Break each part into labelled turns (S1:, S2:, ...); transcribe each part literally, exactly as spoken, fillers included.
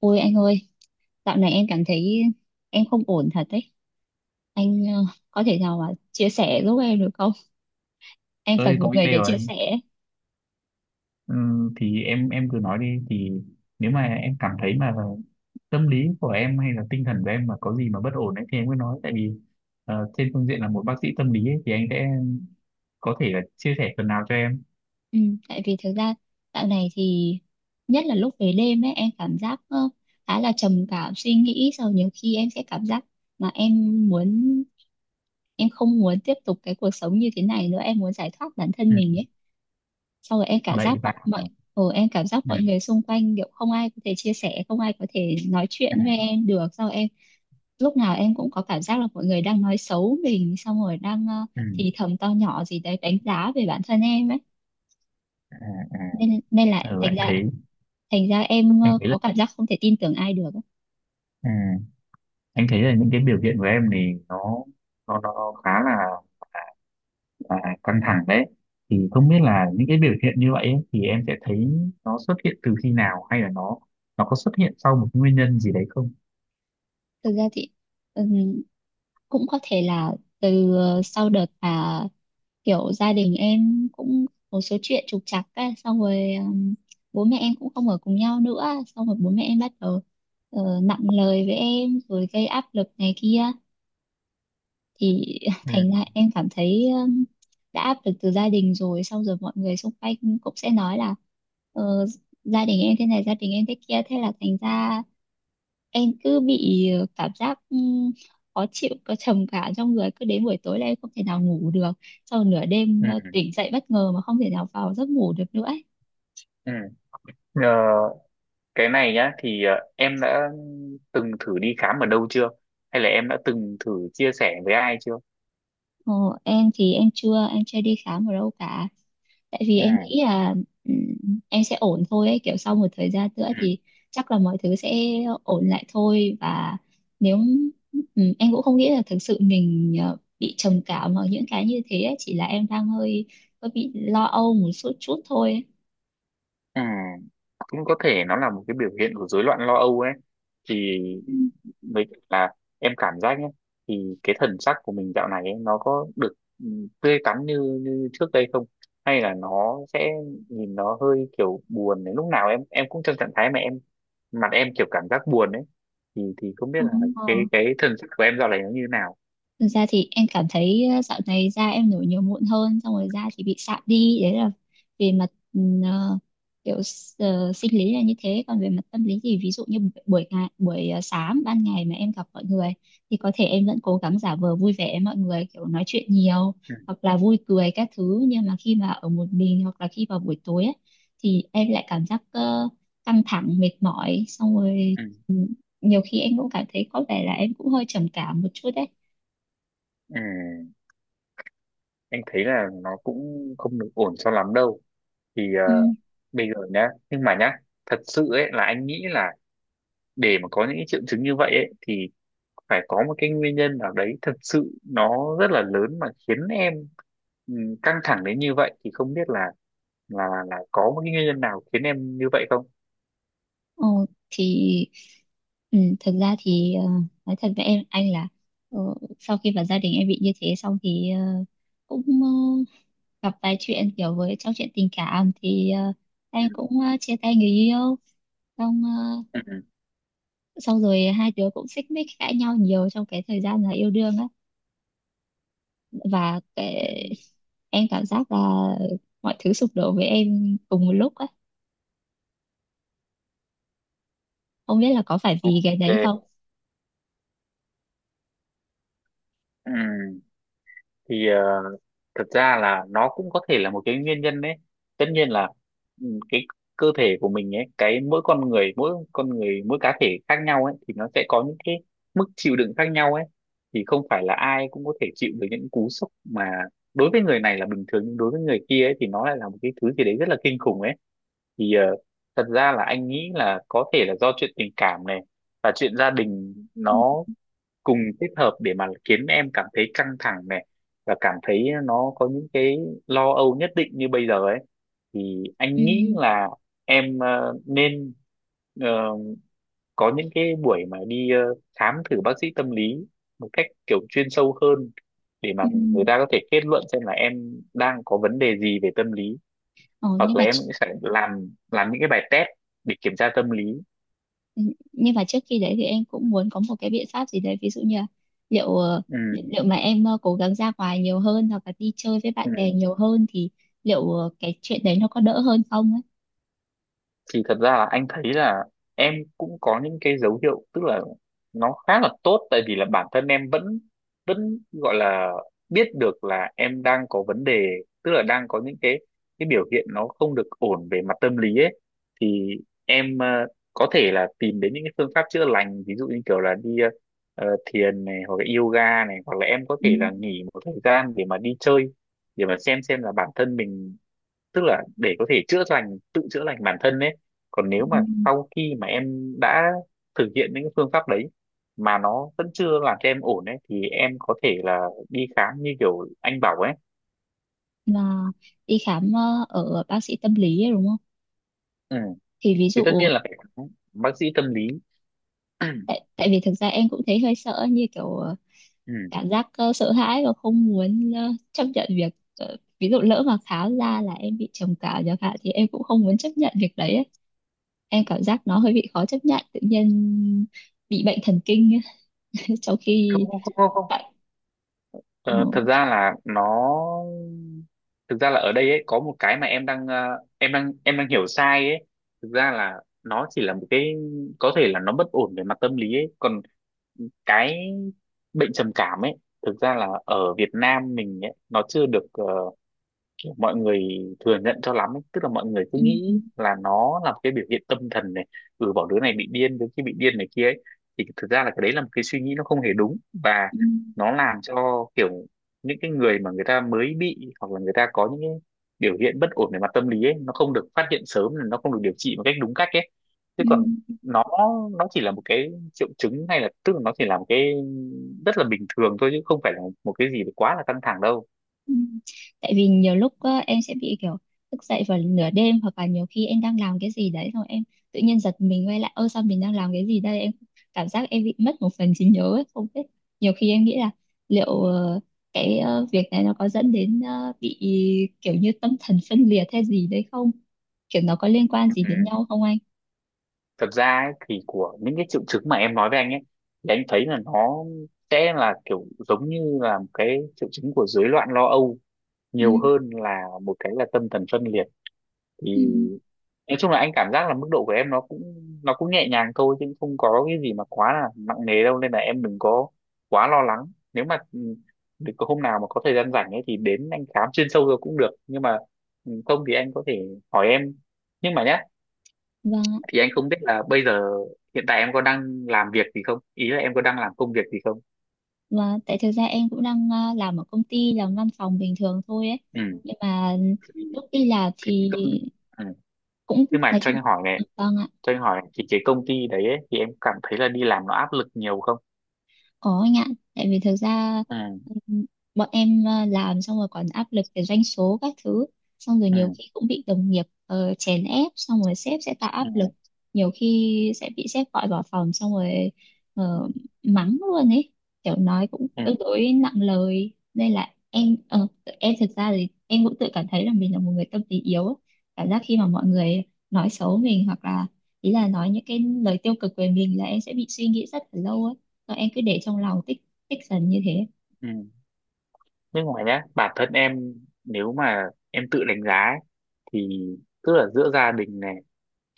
S1: Ôi anh ơi, dạo này em cảm thấy em không ổn thật đấy. Anh ờ, có thể nào mà chia sẻ giúp em được không? Em
S2: Ơi,
S1: cần một
S2: có
S1: người
S2: email
S1: để
S2: rồi
S1: chia
S2: anh.
S1: sẻ.
S2: Ừm, thì em em cứ nói đi thì nếu mà em cảm thấy mà tâm lý của em hay là tinh thần của em mà có gì mà bất ổn ấy thì em cứ nói, tại vì ờ, trên phương diện là một bác sĩ tâm lý ấy, thì anh sẽ có thể là chia sẻ phần nào cho em.
S1: Ừ, tại vì thực ra dạo này thì nhất là lúc về đêm ấy em cảm giác ờ, khá là trầm cảm suy nghĩ. Sau nhiều khi em sẽ cảm giác mà em muốn em không muốn tiếp tục cái cuộc sống như thế này nữa, em muốn giải thoát bản thân
S2: Ừ.
S1: mình ấy. Sau rồi em cảm
S2: Vậy
S1: giác mọi
S2: và
S1: mọi ừ, em cảm giác
S2: ừ.
S1: mọi người xung quanh kiểu không ai có thể chia sẻ, không ai có thể nói
S2: À,
S1: chuyện với em được. Sau em lúc nào em cũng có cảm giác là mọi người đang nói xấu mình, xong rồi đang ờ,
S2: ừ.
S1: thì thầm to nhỏ gì đấy đánh giá về bản thân em ấy,
S2: À, à.
S1: nên nên là
S2: Ừ.
S1: thành
S2: Anh
S1: ra,
S2: thấy
S1: thành ra em
S2: anh
S1: ờ,
S2: thấy là
S1: có cảm giác không thể tin tưởng ai được ấy.
S2: ừ. Anh thấy là những cái biểu hiện của em thì nó nó nó khá là à, căng thẳng đấy, thì không biết là những cái biểu hiện như vậy ấy, thì em sẽ thấy nó xuất hiện từ khi nào, hay là nó nó có xuất hiện sau một nguyên nhân gì đấy không?
S1: Thực ra thì ừm, cũng có thể là từ ờ, sau đợt mà kiểu gia đình em cũng một số chuyện trục trặc ấy, xong rồi ừm, bố mẹ em cũng không ở cùng nhau nữa, xong rồi bố mẹ em bắt đầu ờ, nặng lời với em rồi gây áp lực này kia thì
S2: Ừ,
S1: thành ra em cảm thấy um, đã áp lực từ gia đình rồi, xong rồi mọi người xung quanh cũng sẽ nói là ờ, gia đình em thế này, gia đình em thế kia, thế là thành ra em cứ bị ờ, cảm giác ừm, khó chịu, có trầm cảm trong người, cứ đến buổi tối là em không thể nào ngủ được, sau nửa đêm
S2: ừ,
S1: ờ, tỉnh dậy bất ngờ mà không thể nào vào giấc ngủ được nữa ấy.
S2: ừ. Ờ, cái này nhá, thì ờ, em đã từng thử đi khám ở đâu chưa, hay là em đã từng thử chia sẻ với ai chưa?
S1: Ờ, em thì em chưa em chưa đi khám ở đâu cả, tại vì
S2: Ừ,
S1: em nghĩ là ừm, em sẽ ổn thôi ấy. Kiểu sau một thời gian nữa
S2: ừ,
S1: thì chắc là mọi thứ sẽ ổn lại thôi, và nếu ừm, em cũng không nghĩ là thực sự mình ờ, bị trầm cảm hoặc những cái như thế ấy. Chỉ là em đang hơi hơi bị lo âu một chút chút thôi ấy.
S2: ừ. Cũng có thể nó là một cái biểu hiện của rối loạn lo âu ấy, thì với cả là em cảm giác nhé, thì cái thần sắc của mình dạo này ấy, nó có được ừ, tươi tắn như như trước đây không, hay là nó sẽ nhìn nó hơi kiểu buồn đấy, lúc nào em em cũng trong trạng thái mà em mặt em kiểu cảm giác buồn ấy, thì thì không biết là
S1: Ừm, ờ.
S2: cái cái thần sắc của em dạo này nó như thế nào.
S1: Thực ra thì em cảm thấy ờ, dạo này da em nổi nhiều mụn hơn, xong rồi da thì bị sạm đi. Đấy là về mặt ừm, ờ, kiểu s- ờ, sinh lý là như thế. Còn về mặt tâm lý thì ví dụ như bu- buổi ngày, buổi ờ, sáng ban ngày mà em gặp mọi người thì có thể em vẫn cố gắng giả vờ vui vẻ với mọi người, kiểu nói chuyện nhiều
S2: Ừ,
S1: hoặc là vui cười các thứ, nhưng mà khi mà ở một mình hoặc là khi vào buổi tối ấy, thì em lại cảm giác ờ, căng thẳng mệt mỏi, xong rồi
S2: ừ,
S1: ừm, nhiều khi em cũng cảm thấy có vẻ là em cũng hơi trầm cảm một chút đấy.
S2: ừ. Em thấy là nó cũng không được ổn cho lắm đâu, thì ờ,
S1: Ừ.
S2: bây giờ nhá, nhưng mà nhá thật sự ấy là anh nghĩ là để mà có những cái triệu chứng như vậy ấy thì phải có một cái nguyên nhân nào đấy thật sự nó rất là lớn mà khiến em ừ, căng thẳng đến như vậy, thì không biết là là là có một cái nguyên nhân nào khiến em như vậy không?
S1: Ồ, thì ừ, thật ra thì ờ, nói thật với em anh là ờ, sau khi vào gia đình em bị như thế xong thì ờ, cũng ờ, gặp vài chuyện kiểu với trong chuyện tình cảm thì ờ,
S2: Ừ.
S1: em cũng ờ, chia tay người yêu, xong ờ,
S2: Ừ.
S1: xong rồi hai đứa cũng xích mích cãi nhau nhiều trong cái thời gian là yêu đương á, và
S2: Ừ,
S1: cái,
S2: ừ.
S1: em cảm giác là mọi thứ sụp đổ với em cùng một lúc á, không biết là có phải vì cái
S2: Ok.
S1: đấy không.
S2: Ừ. Thì ờ, thật ra là nó cũng có thể là một cái nguyên nhân đấy, tất nhiên là ừ, cái cơ thể của mình ấy, cái mỗi con người mỗi con người mỗi cá thể khác nhau ấy thì nó sẽ có những cái mức chịu đựng khác nhau ấy, thì không phải là ai cũng có thể chịu được những cú sốc mà đối với người này là bình thường nhưng đối với người kia ấy thì nó lại là một cái thứ gì đấy rất là kinh khủng ấy, thì ờ, thật ra là anh nghĩ là có thể là do chuyện tình cảm này và chuyện gia đình,
S1: Ừ,
S2: nó cùng kết hợp để mà khiến em cảm thấy căng thẳng này và cảm thấy nó có những cái lo âu nhất định như bây giờ ấy, thì
S1: ừ.
S2: anh nghĩ là em ờ, nên ờ, có những cái buổi mà đi ờ, khám thử bác sĩ tâm lý một cách kiểu chuyên sâu hơn để mà
S1: Ừ.
S2: người ta có thể kết luận xem là em đang có vấn đề gì về tâm lý,
S1: Ờ,
S2: hoặc
S1: nhưng
S2: là
S1: mà
S2: em cũng sẽ làm làm những cái bài test để kiểm tra tâm lý.
S1: ừ, nhưng mà trước khi đấy thì em cũng muốn có một cái biện pháp gì đấy ví dụ như là liệu ờ, li-
S2: Ừ,
S1: liệu mà em ờ, cố gắng ra ngoài nhiều hơn hoặc là đi chơi với bạn
S2: ừ.
S1: bè nhiều hơn thì liệu ờ, cái chuyện đấy nó có đỡ hơn không ấy.
S2: Thì thật ra là anh thấy là em cũng có những cái dấu hiệu, tức là nó khá là tốt tại vì là bản thân em vẫn vẫn gọi là biết được là em đang có vấn đề, tức là đang có những cái cái biểu hiện nó không được ổn về mặt tâm lý ấy, thì em ờ, có thể là tìm đến những cái phương pháp chữa lành, ví dụ như kiểu là đi ờ, ờ, thiền này, hoặc là yoga này, hoặc là em có
S1: Ừ.
S2: thể là nghỉ một thời gian để mà đi chơi để mà xem xem là bản thân mình, tức là để có thể chữa lành tự chữa lành bản thân đấy. Còn nếu mà
S1: Ừ.
S2: sau khi mà em đã thực hiện những cái phương pháp đấy mà nó vẫn chưa làm cho em ổn ấy thì em có thể là đi khám như kiểu anh bảo ấy.
S1: Là đi khám ờ, ở bác sĩ tâm lý ấy, đúng không?
S2: Ừ.
S1: Thì ví
S2: Thì
S1: dụ
S2: tất nhiên là phải khám bác sĩ tâm lý.
S1: tại, tại vì thực ra em cũng thấy hơi sợ, như kiểu ờ,
S2: Ừ.
S1: cảm giác ờ, sợ hãi và không muốn ờ, chấp nhận việc ờ, ví dụ lỡ mà khám ra là em bị trầm cảm chẳng hạn thì em cũng không muốn chấp nhận việc đấy ấy. Em cảm giác nó hơi bị khó chấp nhận, tự nhiên bị bệnh thần kinh ấy, trong khi
S2: Không, không, không, không, không.
S1: tại ừ,
S2: Ờ, thật ra là nó thực ra là ở đây ấy có một cái mà em đang ờ, em đang em đang hiểu sai ấy, thực ra là nó chỉ là một cái, có thể là nó bất ổn về mặt tâm lý ấy, còn cái bệnh trầm cảm ấy thực ra là ở Việt Nam mình ấy, nó chưa được ờ, kiểu mọi người thừa nhận cho lắm ấy. Tức là mọi người cứ
S1: ừ,
S2: nghĩ là nó là một cái biểu hiện tâm thần này, ừ, bảo đứa này bị điên đứa kia bị điên này kia ấy, thì thực ra là cái đấy là một cái suy nghĩ nó không hề đúng, và
S1: ừ,
S2: nó làm cho kiểu những cái người mà người ta mới bị hoặc là người ta có những cái biểu hiện bất ổn về mặt tâm lý ấy nó không được phát hiện sớm, nó không được điều trị một cách đúng cách ấy, chứ còn
S1: ừ,
S2: nó nó chỉ là một cái triệu chứng hay là tức là nó chỉ là một cái rất là bình thường thôi, chứ không phải là một cái gì quá là căng thẳng đâu.
S1: ừ. Tại vì nhiều lúc ờ, em sẽ bị kiểu thức dậy vào nửa đêm, hoặc là nhiều khi em đang làm cái gì đấy rồi em tự nhiên giật mình quay lại, ơ sao mình đang làm cái gì đây. Em cảm giác em bị mất một phần trí nhớ ấy, không biết. Nhiều khi em nghĩ là liệu ờ, cái ờ, việc này nó có dẫn đến ờ, bị kiểu như tâm thần phân liệt hay gì đấy không, kiểu nó có liên quan gì đến
S2: Ừ.
S1: nhau không anh?
S2: Thật ra ấy, thì của những cái triệu chứng mà em nói với anh ấy, thì anh thấy là nó sẽ là kiểu giống như là một cái triệu chứng của rối loạn lo âu nhiều hơn là một cái là tâm thần phân liệt,
S1: Ừ.
S2: thì nói chung là anh cảm giác là mức độ của em nó cũng nó cũng nhẹ nhàng thôi, chứ không có cái gì mà quá là nặng nề đâu, nên là em đừng có quá lo lắng. Nếu mà ừ, được có hôm nào mà có thời gian rảnh ấy thì đến anh khám chuyên sâu rồi cũng được, nhưng mà ừ, không thì anh có thể hỏi em nhưng mà nhá,
S1: Vâng,
S2: thì anh không biết là bây giờ hiện tại em có đang làm việc gì không, ý là em có đang làm công việc gì không?
S1: và tại thực ra em cũng đang à, làm ở công ty, làm văn phòng bình thường thôi ấy.
S2: Ừ.
S1: Nhưng mà
S2: thì,
S1: lúc đi làm
S2: thì cái
S1: thì
S2: công ừ.
S1: cũng
S2: Nhưng mà
S1: nói
S2: cho
S1: chung
S2: anh hỏi này,
S1: ừ, vâng ạ.
S2: cho anh hỏi này, thì cái công ty đấy ấy, thì em cảm thấy là đi làm nó áp lực nhiều không?
S1: Có anh ạ, tại vì thực ra
S2: Ừ,
S1: ừm, bọn em ờ, làm xong rồi còn áp lực về doanh số các thứ, xong rồi nhiều
S2: ừ,
S1: khi cũng bị đồng nghiệp ờ, chèn ép, xong rồi sếp sẽ tạo áp lực,
S2: ừ,
S1: nhiều khi sẽ bị sếp gọi vào phòng xong rồi ờ,
S2: ừ,
S1: mắng luôn ấy, kiểu nói cũng
S2: ừ,
S1: tương đối nặng lời, nên là em ờ, tự- em thực ra thì em cũng tự cảm thấy là mình là một người tâm lý yếu, ấy. Cảm giác khi mà mọi người nói xấu mình hoặc là ý là nói những cái lời tiêu cực về mình là em sẽ bị suy nghĩ rất là lâu ấy, và em cứ để trong lòng tích tích dần như thế.
S2: ừ. Nhưng mà nhá bản thân em, nếu mà em tự đánh giá ấy, thì tức là giữa gia đình này,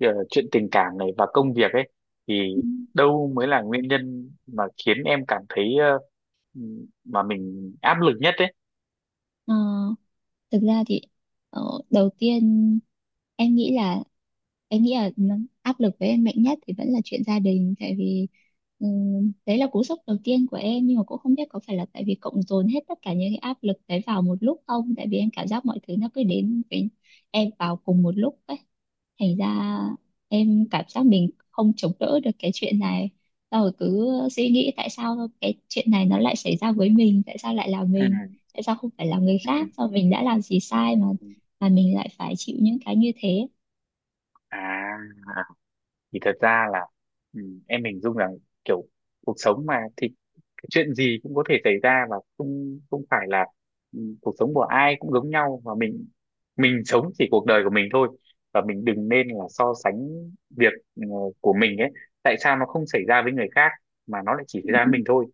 S2: ờ, chuyện tình cảm này và công việc ấy, thì
S1: Ừ.
S2: đâu mới là nguyên nhân mà khiến em cảm thấy ờ, mà mình áp lực nhất ấy?
S1: Ờ, thực ra thì ờ, đầu tiên em nghĩ là em nghĩ là nó- áp lực với em mạnh nhất thì vẫn là chuyện gia đình, tại vì ừm, đấy là cú sốc đầu tiên của em, nhưng mà cũng không biết có phải là tại vì cộng dồn hết tất cả những cái áp lực đấy vào một lúc không, tại vì em cảm giác mọi thứ nó cứ đến với em vào cùng một lúc ấy, thành ra em cảm giác mình không chống đỡ được cái chuyện này. Xong rồi cứ suy nghĩ, tại sao cái chuyện này nó lại xảy ra với mình, tại sao lại là mình,
S2: Ừ,
S1: tại sao không phải là người khác,
S2: ừ,
S1: sao mình đã làm gì sai mà
S2: ừ.
S1: mà mình lại phải chịu những cái như thế.
S2: À, thì thật ra là ừm, em hình dung rằng kiểu cuộc sống mà thì chuyện gì cũng có thể xảy ra, và không không phải là ừ, cuộc sống của ai cũng giống nhau, và mình mình sống chỉ cuộc đời của mình thôi, và mình đừng nên là so sánh việc ừ, của mình ấy, tại sao nó không xảy ra với người khác mà nó lại chỉ xảy ra với
S1: Ừ.
S2: mình thôi,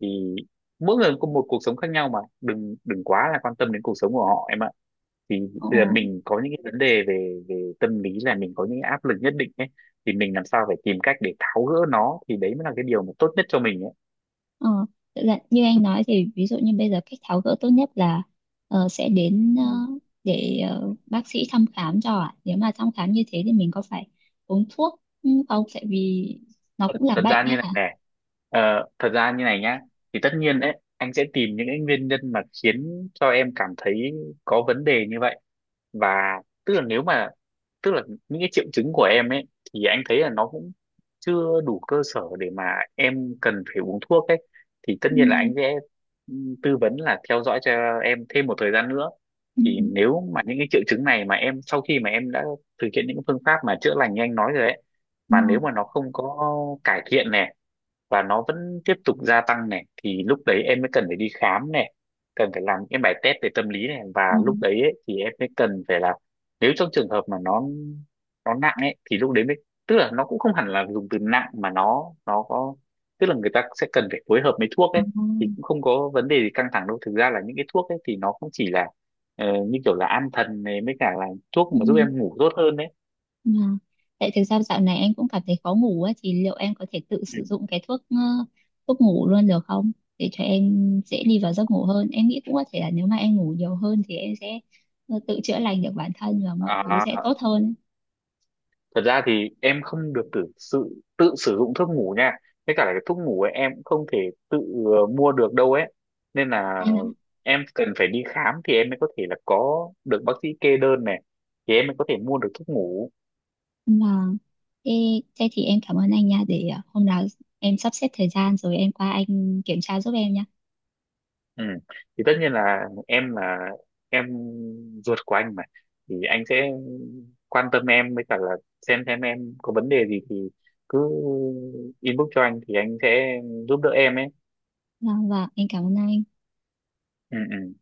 S2: thì mỗi người có một cuộc sống khác nhau mà đừng đừng quá là quan tâm đến cuộc sống của họ em ạ. Thì
S1: Ờ,
S2: bây giờ mình có những cái vấn đề về về tâm lý là mình có những cái áp lực nhất định ấy, thì mình làm sao phải tìm cách để tháo gỡ nó, thì đấy mới là cái điều mà tốt nhất cho mình
S1: ờ. Thực ra như anh nói thì ví dụ như bây giờ cách tháo gỡ tốt nhất là ờ, sẽ đến ờ,
S2: ấy.
S1: để ờ, bác sĩ thăm khám cho ạ. Nếu mà thăm khám như thế thì mình có phải uống thuốc ừ, không, tại vì nó cũng là
S2: Thật
S1: bệnh
S2: ra
S1: ấy
S2: như này
S1: hả?
S2: nè, ờ, thật ra như này nhá, thì tất nhiên đấy anh sẽ tìm những cái nguyên nhân mà khiến cho em cảm thấy có vấn đề như vậy, và tức là nếu mà tức là những cái triệu chứng của em ấy, thì anh thấy là nó cũng chưa đủ cơ sở để mà em cần phải uống thuốc ấy, thì tất
S1: Ừ.
S2: nhiên là anh sẽ ừ, tư vấn là theo dõi cho em thêm một thời gian nữa.
S1: Ừ,
S2: Thì nếu mà những cái triệu chứng này mà em sau khi mà em đã thực hiện những phương pháp mà chữa lành như anh nói rồi ấy, mà nếu
S1: ngon,
S2: mà nó không có cải thiện này và nó vẫn tiếp tục gia tăng này thì lúc đấy em mới cần phải đi khám này, cần phải làm những bài test về tâm lý này, và lúc
S1: ngon,
S2: đấy ấy, thì em mới cần phải là nếu trong trường hợp mà nó nó nặng ấy thì lúc đấy mới tức là nó cũng không hẳn là dùng từ nặng mà nó nó có tức là người ta sẽ cần phải phối hợp với thuốc
S1: ờ,
S2: ấy, thì cũng không có vấn đề gì căng thẳng đâu, thực ra là những cái thuốc ấy thì nó cũng chỉ là ờ, như kiểu là an thần này, mới cả là thuốc
S1: ừ,
S2: mà giúp em ngủ tốt hơn đấy.
S1: ngon. Tại thực ra dạo này anh cũng cảm thấy khó ngủ á, thì liệu em có thể tự
S2: Ừ.
S1: sử dụng cái thuốc ờ, thuốc ngủ luôn được không? Để cho em dễ đi vào giấc ngủ hơn. Em nghĩ cũng có thể là nếu mà em ngủ nhiều hơn thì em sẽ ờ, tự chữa lành được bản thân và mọi thứ
S2: À,
S1: sẽ tốt hơn.
S2: thật ra thì em không được tự sự tự sử dụng thuốc ngủ nha, với cả là cái thuốc ngủ ấy em cũng không thể tự ờ, mua được đâu ấy, nên là
S1: À,
S2: em cần phải đi khám thì em mới có thể là có được bác sĩ kê đơn này, thì em mới có thể mua được thuốc ngủ.
S1: vâng. Thế, thế thì em cảm ơn anh nha. Để ờ, hôm nào em sắp xếp thời gian rồi em qua anh kiểm tra giúp em nha.
S2: Ừ. Thì tất nhiên là em là em ruột của anh mà, thì anh sẽ quan tâm em với cả là xem xem em có vấn đề gì thì cứ inbox cho anh, thì anh sẽ giúp đỡ em ấy.
S1: Vâng, vâng, em cảm ơn anh.
S2: Ừ, ừ.